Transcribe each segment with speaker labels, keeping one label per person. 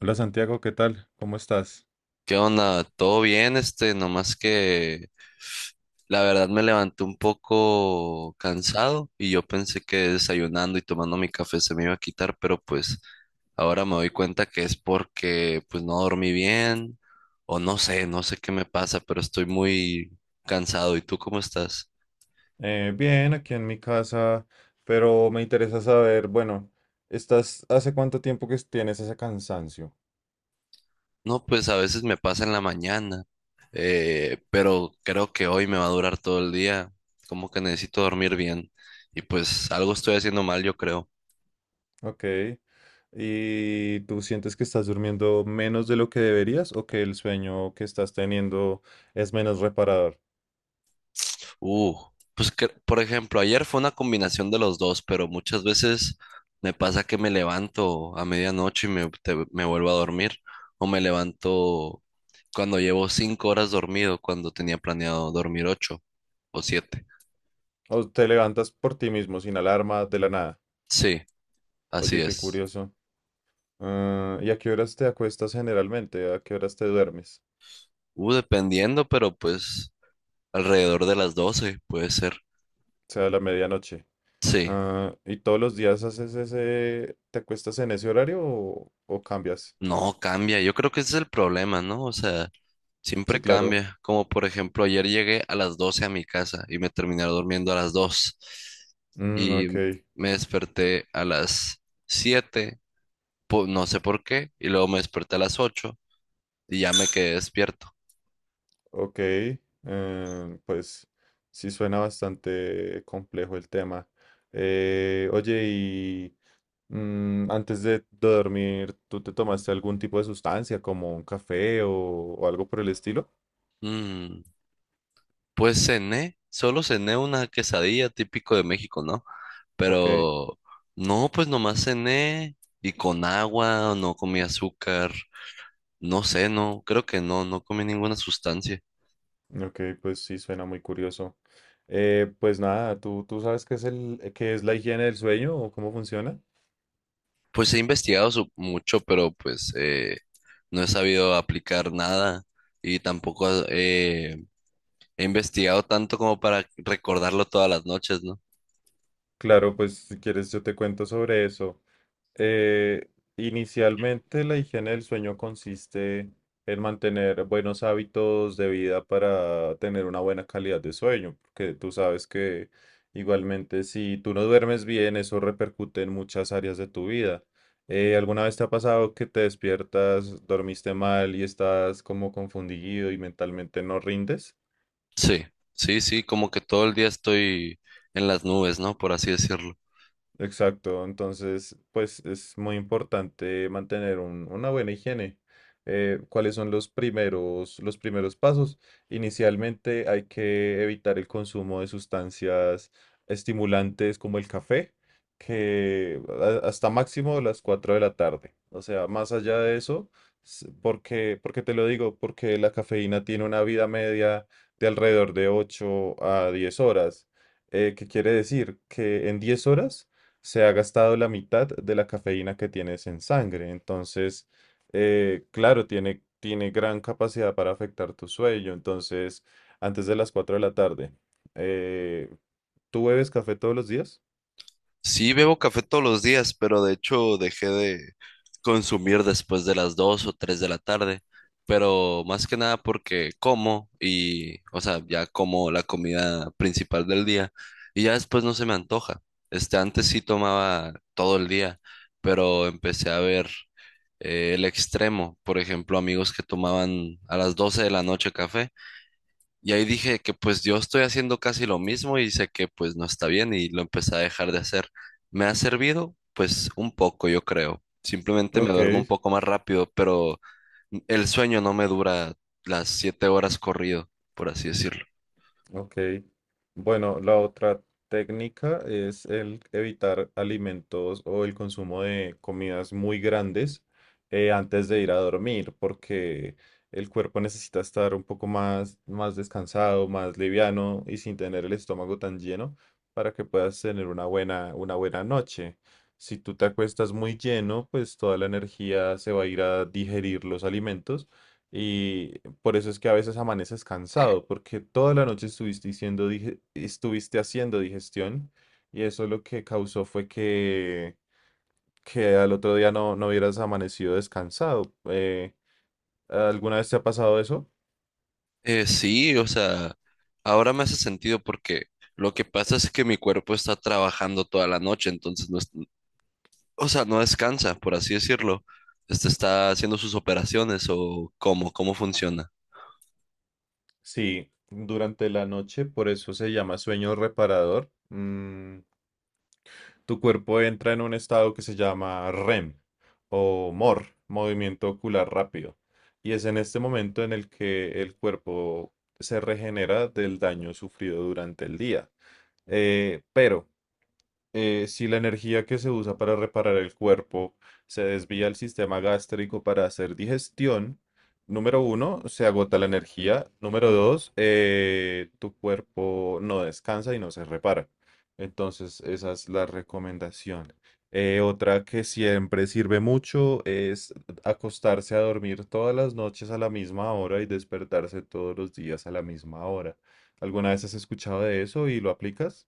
Speaker 1: Hola Santiago, ¿qué tal? ¿Cómo estás?
Speaker 2: ¿Qué onda? ¿Todo bien? Nomás que la verdad me levanté un poco cansado y yo pensé que desayunando y tomando mi café se me iba a quitar, pero pues ahora me doy cuenta que es porque pues no dormí bien o no sé qué me pasa, pero estoy muy cansado. ¿Y tú cómo estás?
Speaker 1: Bien, aquí en mi casa, pero me interesa saber, bueno, ¿hace cuánto tiempo que tienes ese cansancio?
Speaker 2: No, pues a veces me pasa en la mañana, pero creo que hoy me va a durar todo el día, como que necesito dormir bien y pues algo estoy haciendo mal, yo creo.
Speaker 1: Ok. ¿Y tú sientes que estás durmiendo menos de lo que deberías o que el sueño que estás teniendo es menos reparador?
Speaker 2: Uh, pues que, por ejemplo, ayer fue una combinación de los dos, pero muchas veces me pasa que me levanto a medianoche y me vuelvo a dormir, o me levanto cuando llevo 5 horas dormido, cuando tenía planeado dormir 8 o 7.
Speaker 1: ¿O te levantas por ti mismo sin alarma de la nada?
Speaker 2: Sí, así
Speaker 1: Oye, qué
Speaker 2: es.
Speaker 1: curioso. Ah, ¿y a qué horas te acuestas generalmente? ¿A qué horas te duermes?
Speaker 2: Dependiendo, pero pues alrededor de las 12 puede ser.
Speaker 1: O sea, a la medianoche.
Speaker 2: Sí,
Speaker 1: Ah, ¿y todos los días haces te acuestas en ese horario o cambias?
Speaker 2: no cambia. Yo creo que ese es el problema, ¿no? O sea. Siempre
Speaker 1: Sí, claro.
Speaker 2: cambia, como por ejemplo, ayer llegué a las 12 a mi casa y me terminé durmiendo a las 2
Speaker 1: Mm,
Speaker 2: y
Speaker 1: ok,
Speaker 2: me desperté a las 7, no sé por qué, y luego me desperté a las 8 y ya me quedé despierto.
Speaker 1: ok. Pues sí suena bastante complejo el tema. Oye, y antes de dormir, ¿tú te tomaste algún tipo de sustancia como un café o algo por el estilo?
Speaker 2: Mm, pues cené, solo cené una quesadilla típico de México, ¿no?
Speaker 1: Ok,
Speaker 2: Pero no, pues nomás cené y con agua, no comí azúcar, no sé, no, creo que no, no comí ninguna sustancia.
Speaker 1: ok, pues sí suena muy curioso. Pues nada, ¿tú sabes qué es la higiene del sueño o cómo funciona?
Speaker 2: Pues he investigado mucho, pero pues no he sabido aplicar nada y tampoco he investigado tanto como para recordarlo todas las noches, ¿no?
Speaker 1: Claro, pues si quieres yo te cuento sobre eso. Eh, Inicialmente la higiene del sueño consiste en mantener buenos hábitos de vida para tener una buena calidad de sueño, porque tú sabes que igualmente si tú no duermes bien, eso repercute en muchas áreas de tu vida. ¿Alguna vez te ha pasado que te despiertas, dormiste mal y estás como confundido y mentalmente no rindes?
Speaker 2: Sí, sí, sí, como que todo el día estoy en las nubes, ¿no? Por así decirlo.
Speaker 1: Exacto, entonces pues es muy importante mantener una buena higiene. ¿Cuáles son los primeros pasos? Inicialmente hay que evitar el consumo de sustancias estimulantes como el café, que hasta máximo las 4 de la tarde. O sea, más allá de eso, porque te lo digo, porque la cafeína tiene una vida media de alrededor de 8 a 10 horas. ¿Qué quiere decir? Que en 10 horas se ha gastado la mitad de la cafeína que tienes en sangre. Entonces, claro, tiene gran capacidad para afectar tu sueño. Entonces, antes de las 4 de la tarde, eh, ¿tú bebes café todos los días?
Speaker 2: Sí, bebo café todos los días, pero de hecho dejé de consumir después de las 2 o 3 de la tarde, pero más que nada porque como o sea, ya como la comida principal del día y ya después no se me antoja. Antes sí tomaba todo el día, pero empecé a ver el extremo, por ejemplo, amigos que tomaban a las 12 de la noche café y ahí dije que pues yo estoy haciendo casi lo mismo y sé que pues no está bien y lo empecé a dejar de hacer. Me ha servido pues un poco, yo creo. Simplemente me
Speaker 1: Ok.
Speaker 2: duermo un poco más rápido, pero el sueño no me dura las 7 horas corrido, por así decirlo.
Speaker 1: Ok. Bueno, la otra técnica es el evitar alimentos o el consumo de comidas muy grandes antes de ir a dormir, porque el cuerpo necesita estar un poco más descansado, más liviano y sin tener el estómago tan lleno para que puedas tener una buena noche. Si tú te acuestas muy lleno, pues toda la energía se va a ir a digerir los alimentos y por eso es que a veces amaneces cansado, porque toda la noche estuviste haciendo digestión y eso lo que causó fue que al otro día no hubieras amanecido descansado. ¿Alguna vez te ha pasado eso?
Speaker 2: Sí, o sea, ahora me hace sentido porque lo que pasa es que mi cuerpo está trabajando toda la noche, entonces o sea, no descansa, por así decirlo. Este está haciendo sus operaciones o cómo funciona.
Speaker 1: Sí, durante la noche, por eso se llama sueño reparador. Tu cuerpo entra en un estado que se llama REM o MOR, movimiento ocular rápido. Y es en este momento en el que el cuerpo se regenera del daño sufrido durante el día. Pero si la energía que se usa para reparar el cuerpo se desvía al sistema gástrico para hacer digestión, número 1, se agota la energía. Número 2, tu cuerpo no descansa y no se repara. Entonces, esa es la recomendación. Otra que siempre sirve mucho es acostarse a dormir todas las noches a la misma hora y despertarse todos los días a la misma hora. ¿Alguna vez has escuchado de eso y lo aplicas?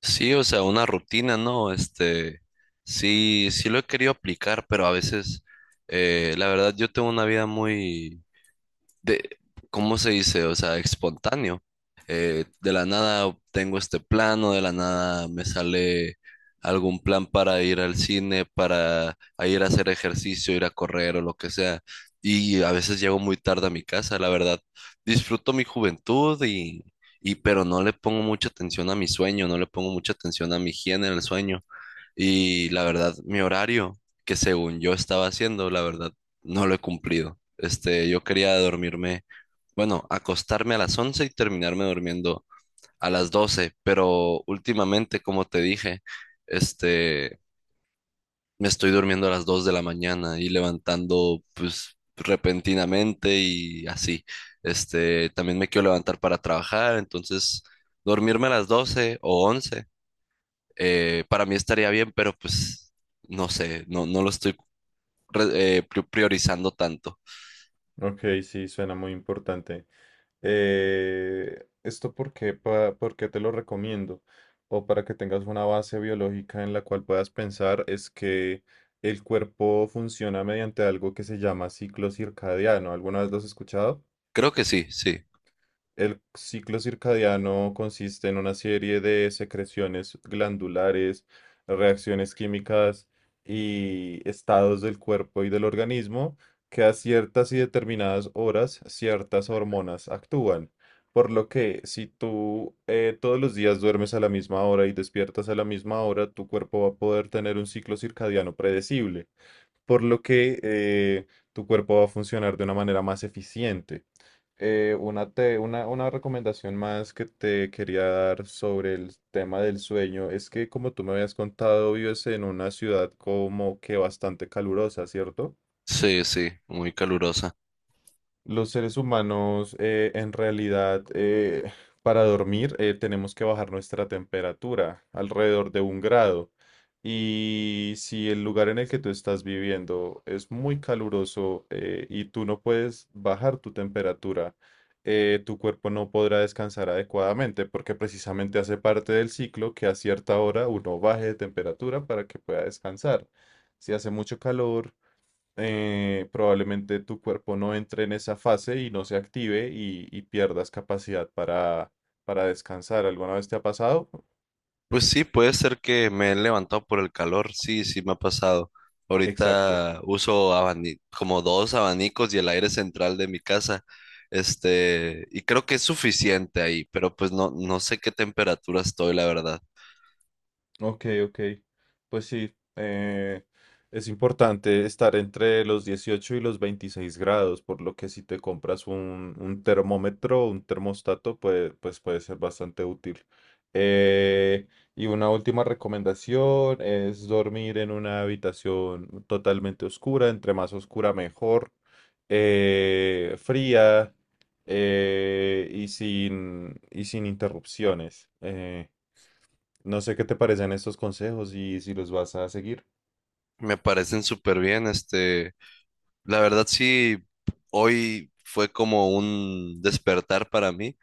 Speaker 2: Sí, o sea, una rutina, ¿no? Sí, sí lo he querido aplicar, pero a veces, la verdad, yo tengo una vida muy, de, ¿cómo se dice? O sea, espontáneo. De la nada tengo este plano, de la nada me sale algún plan para ir al cine, para a ir a hacer ejercicio, ir a correr o lo que sea. Y a veces llego muy tarde a mi casa, la verdad. Disfruto mi juventud y pero no le pongo mucha atención a mi sueño, no le pongo mucha atención a mi higiene en el sueño. Y la verdad, mi horario, que según yo estaba haciendo, la verdad, no lo he cumplido. Yo quería dormirme, bueno, acostarme a las 11 y terminarme durmiendo a las 12 pero últimamente, como te dije, este, me estoy durmiendo a las 2 de la mañana y levantando, pues, repentinamente y así. También me quiero levantar para trabajar, entonces, dormirme a las 12 o 11, para mí estaría bien, pero pues no sé, no, no lo estoy priorizando tanto.
Speaker 1: Ok, sí, suena muy importante. ¿Esto por qué, por qué te lo recomiendo? O para que tengas una base biológica en la cual puedas pensar es que el cuerpo funciona mediante algo que se llama ciclo circadiano. ¿Alguna vez lo has escuchado?
Speaker 2: Creo que sí, sí,
Speaker 1: El ciclo circadiano consiste en una serie de secreciones glandulares, reacciones químicas y estados del cuerpo y del organismo que a ciertas y determinadas horas ciertas hormonas actúan. Por lo que si tú todos los días duermes a la misma hora y despiertas a la misma hora, tu cuerpo va a poder tener un ciclo circadiano predecible. Por lo que tu cuerpo va a funcionar de una manera más eficiente. Una recomendación más que te quería dar sobre el tema del sueño es que, como tú me habías contado, vives en una ciudad como que bastante calurosa, ¿cierto?
Speaker 2: sí, sí, muy calurosa.
Speaker 1: Los seres humanos, en realidad, para dormir, tenemos que bajar nuestra temperatura alrededor de un grado. Y si el lugar en el que tú estás viviendo es muy caluroso, y tú no puedes bajar tu temperatura, tu cuerpo no podrá descansar adecuadamente porque precisamente hace parte del ciclo que a cierta hora uno baje de temperatura para que pueda descansar. Si hace mucho calor, probablemente tu cuerpo no entre en esa fase y no se active y pierdas capacidad para descansar. ¿Alguna vez te ha pasado?
Speaker 2: Pues sí, puede ser que me he levantado por el calor, sí, sí me ha pasado.
Speaker 1: Exacto.
Speaker 2: Ahorita uso como dos abanicos y el aire central de mi casa, y creo que es suficiente ahí, pero pues no, no sé qué temperatura estoy, la verdad.
Speaker 1: Ok, ok. Pues sí, es importante estar entre los 18 y los 26 grados, por lo que si te compras un termómetro, o un termostato, pues puede ser bastante útil. Eh, y una última recomendación es dormir en una habitación totalmente oscura, entre más oscura mejor, fría y sin interrupciones. No sé qué te parecen estos consejos y si los vas a seguir.
Speaker 2: Me parecen súper bien. La verdad sí, hoy fue como un despertar para mí,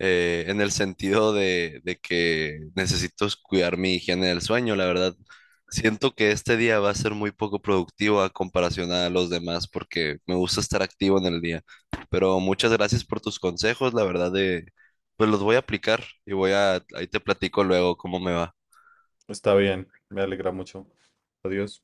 Speaker 2: en el sentido de que necesito es cuidar mi higiene del sueño, la verdad. Siento que este día va a ser muy poco productivo a comparación a los demás porque me gusta estar activo en el día. Pero muchas gracias por tus consejos, la verdad pues los voy a aplicar y ahí te platico luego cómo me va.
Speaker 1: Está bien, me alegra mucho. Adiós.